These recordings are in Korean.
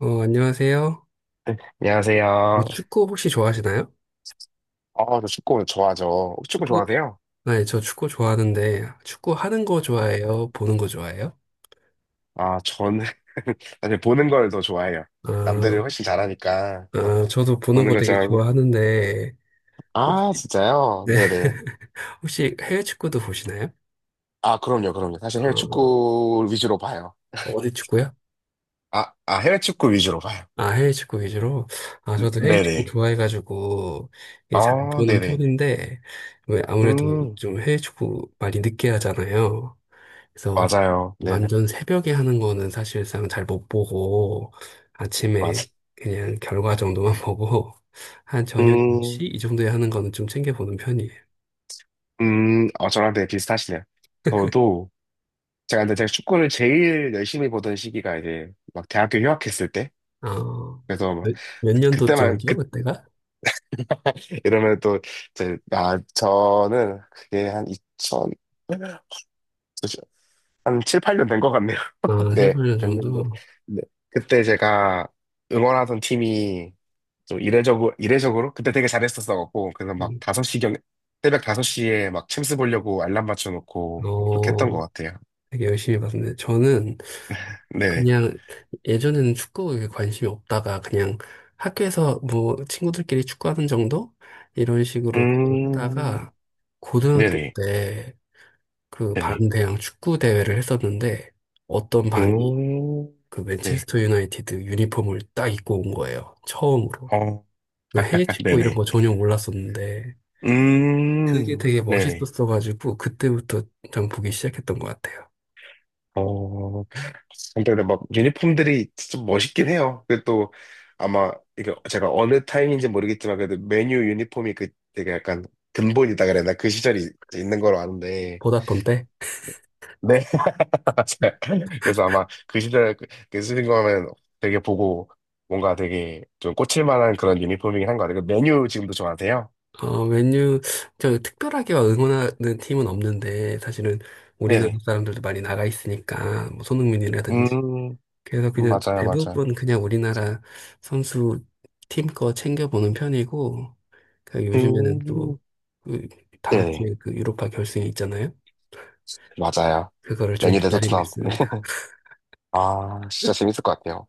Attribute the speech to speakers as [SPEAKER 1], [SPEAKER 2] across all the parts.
[SPEAKER 1] 안녕하세요. 뭐
[SPEAKER 2] 안녕하세요.
[SPEAKER 1] 축구 혹시 좋아하시나요?
[SPEAKER 2] 아, 저 축구 좋아하죠. 축구
[SPEAKER 1] 축구?
[SPEAKER 2] 좋아하세요?
[SPEAKER 1] 아, 네, 저 축구 좋아하는데, 축구 하는 거 좋아해요? 보는 거 좋아해요?
[SPEAKER 2] 아, 저는 사실 보는 걸 더 좋아해요. 남들은
[SPEAKER 1] 아,
[SPEAKER 2] 훨씬 잘하니까 그래서
[SPEAKER 1] 아, 저도 보는
[SPEAKER 2] 보는
[SPEAKER 1] 거
[SPEAKER 2] 걸
[SPEAKER 1] 되게
[SPEAKER 2] 좋아하고.
[SPEAKER 1] 좋아하는데,
[SPEAKER 2] 아,
[SPEAKER 1] 혹시,
[SPEAKER 2] 진짜요?
[SPEAKER 1] 네.
[SPEAKER 2] 네네.
[SPEAKER 1] 혹시 해외 축구도 보시나요?
[SPEAKER 2] 아, 그럼요, 그럼요. 사실 해외
[SPEAKER 1] 어,
[SPEAKER 2] 축구 위주로 봐요.
[SPEAKER 1] 어디 축구요?
[SPEAKER 2] 아, 아, 해외 축구 위주로 봐요.
[SPEAKER 1] 아, 해외 축구 위주로? 아, 저도 해외 축구
[SPEAKER 2] 네네.
[SPEAKER 1] 좋아해가지고, 이게 잘
[SPEAKER 2] 아,
[SPEAKER 1] 보는
[SPEAKER 2] 네네.
[SPEAKER 1] 편인데, 왜 아무래도
[SPEAKER 2] 음,
[SPEAKER 1] 좀 해외 축구 많이 늦게 하잖아요. 그래서
[SPEAKER 2] 맞아요. 네,
[SPEAKER 1] 완전 새벽에 하는 거는 사실상 잘 못 보고 아침에
[SPEAKER 2] 맞아.
[SPEAKER 1] 그냥 결과 정도만 보고 한 저녁
[SPEAKER 2] 음,
[SPEAKER 1] 10시 이 정도에 하는 거는 좀 챙겨보는 편이에요.
[SPEAKER 2] 저랑 되게 비슷하시네요. 저도, 제가 근데 제가 축구를 제일 열심히 보던 시기가 이제 막 대학교 휴학했을 때,
[SPEAKER 1] 어,
[SPEAKER 2] 그래서 막
[SPEAKER 1] 몇
[SPEAKER 2] 그때만
[SPEAKER 1] 년도쯤이죠,
[SPEAKER 2] 그
[SPEAKER 1] 그때가?
[SPEAKER 2] 이러면 또 이제 아 저는 그게 한2천한 7, 8년 된 것 같네요.
[SPEAKER 1] 아, 7,
[SPEAKER 2] 네,
[SPEAKER 1] 8년
[SPEAKER 2] 됐는데
[SPEAKER 1] 정도?
[SPEAKER 2] 네. 그때 제가 응원하던 팀이 좀 이례적으로 그때 되게 잘했었어갖고 그래서 막
[SPEAKER 1] 음.
[SPEAKER 2] 다섯 시경 새벽 5시에 막 챔스 보려고 알람 맞춰놓고 막 그렇게 했던 것
[SPEAKER 1] 어,
[SPEAKER 2] 같아요.
[SPEAKER 1] 되게 열심히 봤는데 저는
[SPEAKER 2] 네네.
[SPEAKER 1] 그냥 예전에는 축구에 관심이 없다가 그냥 학교에서 뭐 친구들끼리 축구하는 정도? 이런 식으로 그냥
[SPEAKER 2] 음,
[SPEAKER 1] 하다가 고등학교
[SPEAKER 2] 네네.
[SPEAKER 1] 때 그
[SPEAKER 2] 네네.
[SPEAKER 1] 반대항 축구 대회를 했었는데 어떤 반이
[SPEAKER 2] 음,
[SPEAKER 1] 그
[SPEAKER 2] 네.
[SPEAKER 1] 맨체스터 유나이티드 유니폼을 딱 입고 온 거예요. 처음으로.
[SPEAKER 2] 어,
[SPEAKER 1] 그 해외 축구 이런
[SPEAKER 2] 네네.
[SPEAKER 1] 거 전혀 몰랐었는데 그게 되게
[SPEAKER 2] 네네.
[SPEAKER 1] 멋있었어가지고 그때부터 좀 보기 시작했던 것 같아요.
[SPEAKER 2] 어, 근데 막 유니폼들이 좀 멋있긴 해요. 그또 아마 이게 제가 어느 타임인지 모르겠지만 그래도 메뉴 유니폼이 그 되게 약간 근본이다 그랬나 그 시절이 있는 걸로 아는데.
[SPEAKER 1] 보다폰 때?
[SPEAKER 2] 네. 맞아요. 그래서 아마 그 시절 그 쓰신 거면 되게 보고 뭔가 되게 좀 꽂힐 만한 그런 유니폼이긴 한 것 같아요. 그 메뉴 지금도 좋아하세요?
[SPEAKER 1] 맨유, 저 특별하게 막 응원하는 팀은 없는데 사실은 우리나라
[SPEAKER 2] 네네.
[SPEAKER 1] 사람들도 많이 나가 있으니까 뭐 손흥민이라든지
[SPEAKER 2] 음,
[SPEAKER 1] 그래서 그냥
[SPEAKER 2] 맞아요, 맞아요.
[SPEAKER 1] 대부분 그냥 우리나라 선수 팀 거 챙겨보는 편이고, 그 요즘에는
[SPEAKER 2] 음,
[SPEAKER 1] 또 그 다음
[SPEAKER 2] 네네.
[SPEAKER 1] 주에 그 유로파 결승이 있잖아요.
[SPEAKER 2] 맞아요.
[SPEAKER 1] 그거를 좀
[SPEAKER 2] 레니 대토
[SPEAKER 1] 기다리고
[SPEAKER 2] 트럼프.
[SPEAKER 1] 있습니다.
[SPEAKER 2] 아, 진짜 재밌을 것 같아요.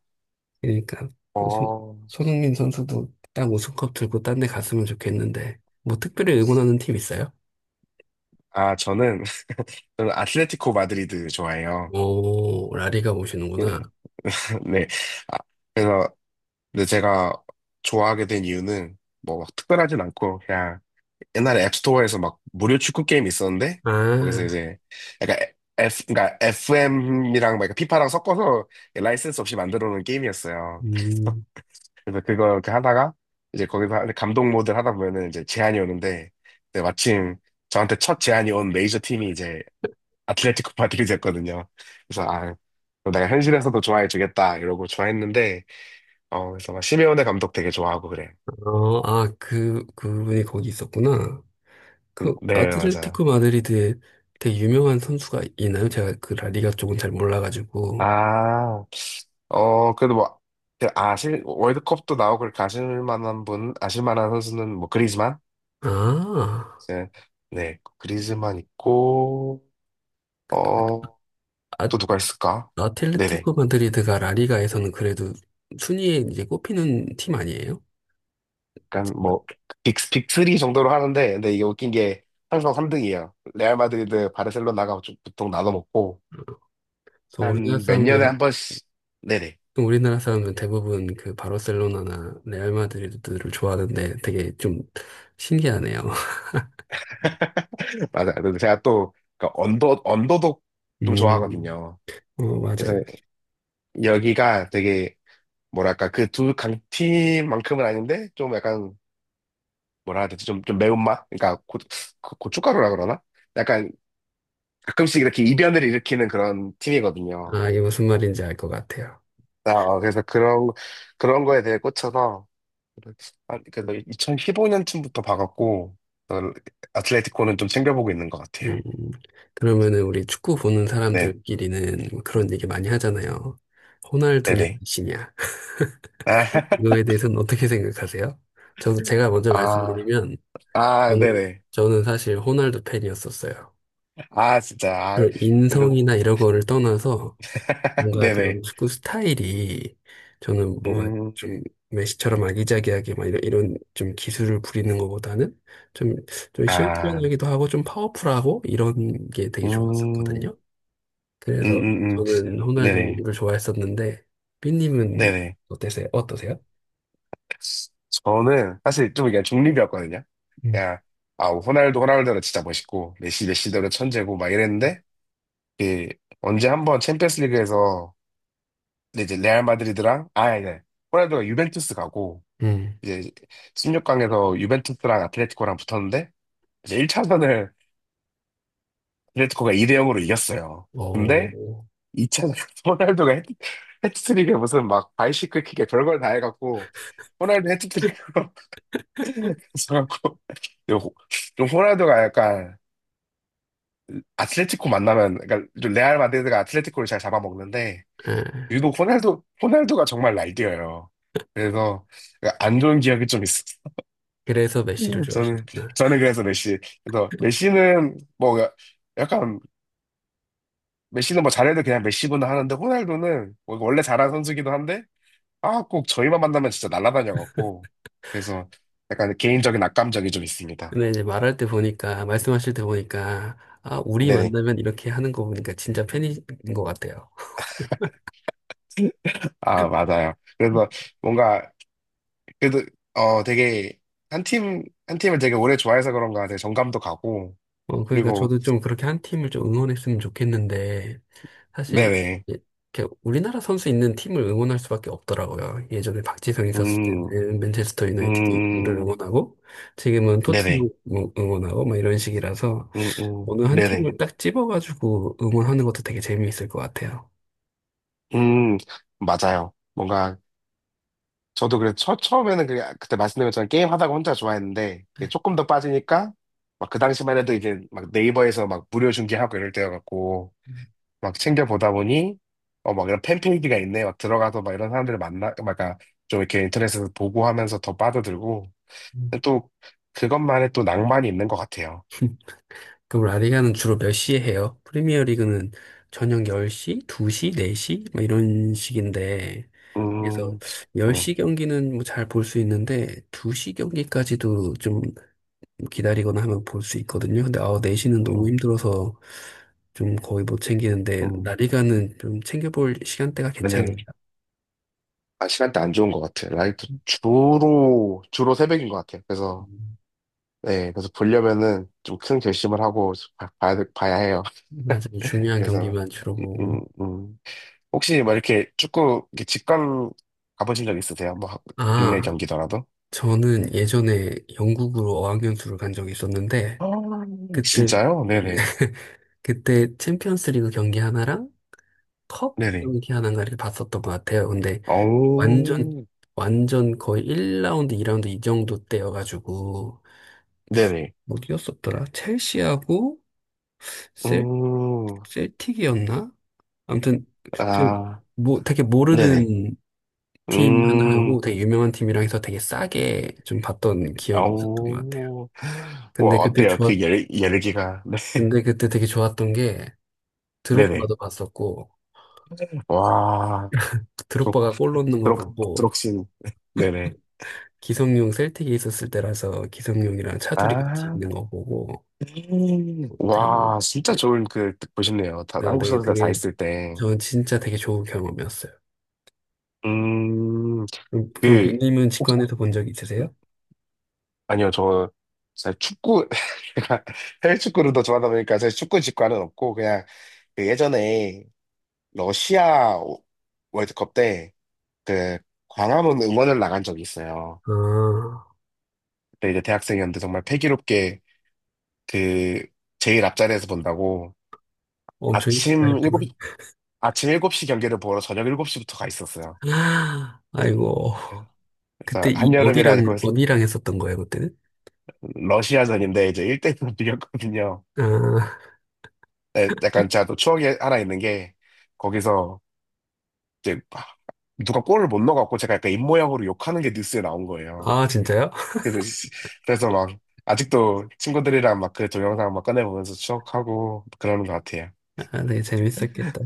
[SPEAKER 1] 그러니까 손-
[SPEAKER 2] 어,
[SPEAKER 1] 손흥민 선수도 딱 우승컵 들고 딴데 갔으면 좋겠는데, 뭐 특별히 응원하는 팀 있어요?
[SPEAKER 2] 아, 저는, 저는 아틀레티코 마드리드 좋아해요.
[SPEAKER 1] 오, 라리가
[SPEAKER 2] 예.
[SPEAKER 1] 보시는구나.
[SPEAKER 2] 네. 아, 그래서, 근데 제가 좋아하게 된 이유는 뭐 막 특별하진 않고, 그냥 옛날에 앱스토어에서 막 무료 축구 게임 있었는데, 거기서
[SPEAKER 1] 아,
[SPEAKER 2] 이제 약간 F, 그러니까 FM이랑 막 피파랑 섞어서 라이센스 없이 만들어 놓은 게임이었어요.
[SPEAKER 1] 음,
[SPEAKER 2] 그래서 그거 이렇게 하다가 이제 거기서 감독 모드를 하다 보면은 이제 제안이 오는데 네, 마침 저한테 첫 제안이 온 메이저 팀이 이제 아틀레티코 마드리드였거든요. 그래서 아 그럼 내가 현실에서도 좋아해 주겠다 이러고 좋아했는데 어 그래서 막 시메오네 감독 되게 좋아하고 그래.
[SPEAKER 1] 그분이 거기 있었구나. 그
[SPEAKER 2] 네 맞아요.
[SPEAKER 1] 아틀레티코 마드리드에 되게 유명한 선수가 있나요? 제가 그 라리가 쪽은 잘 몰라가지고.
[SPEAKER 2] 아 어 그래도 뭐 그 아실 월드컵도 나오고 그렇게 아실 만한 선수는 뭐 그리즈만
[SPEAKER 1] 아,
[SPEAKER 2] 네 네 그리즈만 있고 어
[SPEAKER 1] 아,
[SPEAKER 2] 또 누가 있을까? 네네.
[SPEAKER 1] 아틀레티코 마드리드가 라리가에서는 그래도 순위에 이제 꼽히는 팀 아니에요?
[SPEAKER 2] 약간
[SPEAKER 1] 제가-
[SPEAKER 2] 뭐, 빅3 정도로 하는데, 근데 이게 웃긴 게 항상 3등이에요. 레알 마드리드, 바르셀로나가 좀 보통 나눠 먹고,
[SPEAKER 1] 그래서 우리나라
[SPEAKER 2] 한 몇 년에
[SPEAKER 1] 사람들은
[SPEAKER 2] 한 번씩, 네네.
[SPEAKER 1] 우리나라 사람들은 대부분 그 바르셀로나나 레알 마드리드를 좋아하는데 되게 좀 신기하네요.
[SPEAKER 2] 맞아요. 근데 제가 또, 그러니까 언더독 좀
[SPEAKER 1] 음,
[SPEAKER 2] 좋아하거든요. 그래서
[SPEAKER 1] 맞아요.
[SPEAKER 2] 여기가 되게, 뭐랄까, 그 두 강팀만큼은 아닌데, 좀 약간, 뭐라 해야 되지? 좀 매운맛? 그러니까 고춧가루라 그러나? 약간 가끔씩 이렇게 이변을 일으키는 그런 팀이거든요.
[SPEAKER 1] 아, 이게 무슨 말인지 알 것 같아요.
[SPEAKER 2] 아, 어, 그래서 그런 거에 대해 꽂혀서, 그래서 2015년쯤부터 봐갖고, 어, 아틀레티코는 좀 챙겨보고 있는 것 같아요.
[SPEAKER 1] 음, 그러면은 우리 축구 보는
[SPEAKER 2] 네,
[SPEAKER 1] 사람들끼리는 뭐 그런 얘기 많이 하잖아요. 호날두냐,
[SPEAKER 2] 네네.
[SPEAKER 1] 메시냐.
[SPEAKER 2] 아,
[SPEAKER 1] 이거에 대해서는 어떻게 생각하세요? 저도 제가 먼저
[SPEAKER 2] 아,
[SPEAKER 1] 말씀드리면,
[SPEAKER 2] 아,
[SPEAKER 1] 저는,
[SPEAKER 2] 네네.
[SPEAKER 1] 저는 사실 호날두 팬이었었어요.
[SPEAKER 2] 아, 진짜. 아,
[SPEAKER 1] 그
[SPEAKER 2] 그리고,
[SPEAKER 1] 인성이나 이런 거를 떠나서 뭔가
[SPEAKER 2] 네네.
[SPEAKER 1] 그런 축구 스타일이 저는 뭐가
[SPEAKER 2] 음,
[SPEAKER 1] 좀 메시처럼 아기자기하게 막 이런 좀 기술을 부리는 것보다는 좀, 좀
[SPEAKER 2] 아,
[SPEAKER 1] 시원시원하기도 하고 좀 파워풀하고 이런 게 되게
[SPEAKER 2] 음, 음,
[SPEAKER 1] 좋았었거든요. 그래서
[SPEAKER 2] 음, 음.
[SPEAKER 1] 저는
[SPEAKER 2] 네네.
[SPEAKER 1] 호날두를 좋아했었는데 삐님은
[SPEAKER 2] 네네.
[SPEAKER 1] 어떠세요?
[SPEAKER 2] 저는 사실 좀 그냥 중립이었거든요.
[SPEAKER 1] 음.
[SPEAKER 2] 그냥, 아, 호날두는 진짜 멋있고, 메시대로 천재고, 막 이랬는데, 그 언제 한 번 챔피언스 리그에서 이제 레알 마드리드랑 아 아니 호날두가 유벤투스 가고
[SPEAKER 1] 음.
[SPEAKER 2] 이제 16강에서 유벤투스랑 아tletico랑 붙었는데 이제 1차전을 아틀레티코가 2대 0으로 이겼어요. 근데
[SPEAKER 1] 어,
[SPEAKER 2] 2차전 호날두가 해트트릭에 무슨 막 바이시클 킥에 별걸 다 해갖고 호날두 해트트릭으로 해갖고 좀 호날두가 약간 아틀레티코 만나면 그러니까 좀 레알 마드리드가 아틀레티코를 잘 잡아먹는데
[SPEAKER 1] 예.
[SPEAKER 2] 유독 호날두가 정말 날뛰어요. 그래서 안 좋은 기억이 좀 있었어.
[SPEAKER 1] 그래서 메시를
[SPEAKER 2] 저는,
[SPEAKER 1] 좋아하시는구나.
[SPEAKER 2] 저는 그래서 메시. 그래서 메시는 뭐 약간 메시는 뭐 잘해도 그냥 메시구나 하는데 호날두는 뭐 원래 잘한 선수기도 한데 아, 꼭 저희만 만나면 진짜 날아다녀갖고. 그래서 약간 개인적인 악감정이 좀 있습니다.
[SPEAKER 1] 근데 이제 말씀하실 때 보니까, 아, 우리
[SPEAKER 2] 네네.
[SPEAKER 1] 만나면 이렇게 하는 거 보니까 진짜 팬인 것 같아요.
[SPEAKER 2] 아, 맞아요. 그래서 뭔가, 그래도, 어, 되게, 한 팀을 되게 오래 좋아해서 그런가 되게 정감도 가고,
[SPEAKER 1] 그러니까
[SPEAKER 2] 그리고,
[SPEAKER 1] 저도 좀 그렇게 한 팀을 좀 응원했으면 좋겠는데, 사실,
[SPEAKER 2] 네네.
[SPEAKER 1] 이렇게 우리나라 선수 있는 팀을 응원할 수밖에 없더라고요. 예전에 박지성 있었을
[SPEAKER 2] 음,
[SPEAKER 1] 때는 맨체스터 유나이티드 를
[SPEAKER 2] 음,
[SPEAKER 1] 응원하고, 지금은
[SPEAKER 2] 네네.
[SPEAKER 1] 토트넘 뭐 응원하고, 막 이런 식이라서, 어느 한
[SPEAKER 2] 네네.
[SPEAKER 1] 팀을 딱 집어가지고 응원하는 것도 되게 재미있을 것 같아요.
[SPEAKER 2] 음, 맞아요. 뭔가, 저도 그래, 처음에는 그, 그때 말씀드린 것처럼 게임 하다가 혼자 좋아했는데, 이게 조금 더 빠지니까, 막 그 당시만 해도 이제 막 네이버에서 막 무료 중계하고 이럴 때여갖고, 막 챙겨보다 보니, 어, 막 이런 팬페이지가 있네. 막 들어가서 막 이런 사람들을 만나, 막, 그러니까 좀 이렇게 인터넷에서 보고 하면서 더 빠져들고,
[SPEAKER 1] 음.
[SPEAKER 2] 근데 또, 그것만의 또 낭만이 있는 것 같아요.
[SPEAKER 1] 그럼 라리가는 주로 몇 시에 해요? 프리미어 리그는 저녁 10시, 2시, 4시? 막 이런 식인데, 그래서
[SPEAKER 2] 음,
[SPEAKER 1] 10시
[SPEAKER 2] 음,
[SPEAKER 1] 경기는 뭐 잘 볼 수 있는데 2시 경기까지도 좀 기다리거나 하면 볼 수 있거든요. 근데 아홉 4시는 너무
[SPEAKER 2] 음,
[SPEAKER 1] 힘들어서 좀 거의 못 챙기는데
[SPEAKER 2] 음.
[SPEAKER 1] 라리가는 좀 챙겨볼 시간대가
[SPEAKER 2] 아니요.
[SPEAKER 1] 괜찮을까?
[SPEAKER 2] 아, 시간대 안 좋은 것 같아. 요 라이트 주로 새벽인 것 같아. 그래서,
[SPEAKER 1] 음,
[SPEAKER 2] 네, 그래서 보려면은 좀 큰 결심을 하고 봐야 해요.
[SPEAKER 1] 맞아요. 중요한
[SPEAKER 2] 그래서,
[SPEAKER 1] 경기만 주로
[SPEAKER 2] 음,
[SPEAKER 1] 보고.
[SPEAKER 2] 음. 혹시 뭐 이렇게 축구, 이렇게 직관 가보신 적 있으세요? 뭐, 하- 국내
[SPEAKER 1] 아,
[SPEAKER 2] 경기더라도?
[SPEAKER 1] 저는 예전에 영국으로 어학연수를 간 적이 있었는데
[SPEAKER 2] 아,
[SPEAKER 1] 그때
[SPEAKER 2] 진짜요? 네네.
[SPEAKER 1] 그때 챔피언스 리그 경기 하나랑 컵
[SPEAKER 2] 네네.
[SPEAKER 1] 경기 하나인가 이렇게 봤었던 것 같아요. 근데 완전
[SPEAKER 2] 오
[SPEAKER 1] 완전 거의 1라운드, 2라운드 이 라운드 이 정도 때여가지고
[SPEAKER 2] 네네.
[SPEAKER 1] 뭐 뛰었었더라. 첼시하고 셀
[SPEAKER 2] 음,
[SPEAKER 1] 셀틱이었나? 아무튼 지금
[SPEAKER 2] 아,
[SPEAKER 1] 뭐 되게
[SPEAKER 2] 네네.
[SPEAKER 1] 모르는 팀 하나하고
[SPEAKER 2] 음,
[SPEAKER 1] 되게 유명한 팀이랑 해서 되게 싸게 좀 봤던 기억이 있었던 것 같아요.
[SPEAKER 2] 오우 와,
[SPEAKER 1] 근데 그때
[SPEAKER 2] 어때요?
[SPEAKER 1] 좋았
[SPEAKER 2] 그 열기가.
[SPEAKER 1] 근데 그때 되게 좋았던 게
[SPEAKER 2] 네네.
[SPEAKER 1] 드록바도 봤었고
[SPEAKER 2] 와, 드록,
[SPEAKER 1] 드록바가 골 넣는 거 보고
[SPEAKER 2] 드록신. 네네.
[SPEAKER 1] 기성용 셀틱에 있었을 때라서 기성용이랑 차두리 같이
[SPEAKER 2] 아,
[SPEAKER 1] 있는 거 보고 되게
[SPEAKER 2] 와, 진짜 좋은 그, 보셨네요. 다,
[SPEAKER 1] 어,
[SPEAKER 2] 한국
[SPEAKER 1] 되게,
[SPEAKER 2] 선수들 다
[SPEAKER 1] 되게,
[SPEAKER 2] 있을 때.
[SPEAKER 1] 저 진짜 되게 좋은 경험이었어요.
[SPEAKER 2] 음,
[SPEAKER 1] 그럼
[SPEAKER 2] 그,
[SPEAKER 1] 빈님은
[SPEAKER 2] 혹시,
[SPEAKER 1] 직관에서 본 적 있으세요?
[SPEAKER 2] 아니요, 저, 사실 축구, 제가 해외 축구를 더 좋아하다 보니까 사실 축구 직관은 없고, 그냥, 그 예전에 러시아 월드컵 때, 그, 광화문 응원을 나간 적이 있어요.
[SPEAKER 1] 아,
[SPEAKER 2] 그때 이제 대학생이었는데 정말 패기롭게 그, 제일 앞자리에서 본다고
[SPEAKER 1] 엄청 일찍
[SPEAKER 2] 아침
[SPEAKER 1] 가셨구나.
[SPEAKER 2] 7시, 아침 일곱 시 경기를 보러 저녁 7시부터 가 있었어요.
[SPEAKER 1] 아, 아이고.
[SPEAKER 2] 네.
[SPEAKER 1] 그때
[SPEAKER 2] 그래서 한여름이라 그
[SPEAKER 1] 어디랑 했었던 거예요, 그때는?
[SPEAKER 2] 러시아전인데 이제 1대1로 비겼거든요.
[SPEAKER 1] 아,
[SPEAKER 2] 네, 약간 제가 또 추억이 하나 있는 게 거기서 이제 막 누가 골을 못 넣어갖고 제가 약간 입모양으로 욕하는 게 뉴스에 나온 거예요.
[SPEAKER 1] 아, 진짜요?
[SPEAKER 2] 그래서, 그래서 막 아직도 친구들이랑 막 그 동영상 막 꺼내보면서 추억하고 그러는 것 같아요.
[SPEAKER 1] 아, 네, 재밌었겠다.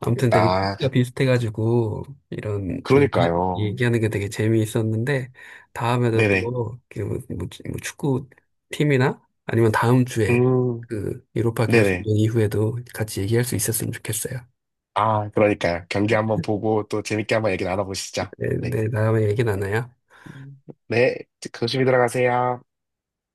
[SPEAKER 1] 아무튼 되게
[SPEAKER 2] 아,
[SPEAKER 1] 취미가 비슷해가지고 이런
[SPEAKER 2] 그러니까요.
[SPEAKER 1] 얘기, 하는게 되게 재미있었는데 다음에도
[SPEAKER 2] 네네.
[SPEAKER 1] 또그 뭐 축구 팀이나 아니면 다음 주에
[SPEAKER 2] 음,
[SPEAKER 1] 그 유로파 결승전
[SPEAKER 2] 네네.
[SPEAKER 1] 이후에도 같이 얘기할 수 있었으면 좋겠어요.
[SPEAKER 2] 아, 그러니까요. 경기 한번 보고 또 재밌게 한번 얘기 나눠보시죠.
[SPEAKER 1] 네,
[SPEAKER 2] 네.
[SPEAKER 1] 네, 다음에 얘기 나눠요.
[SPEAKER 2] 음. 네, 조심히 들어가세요.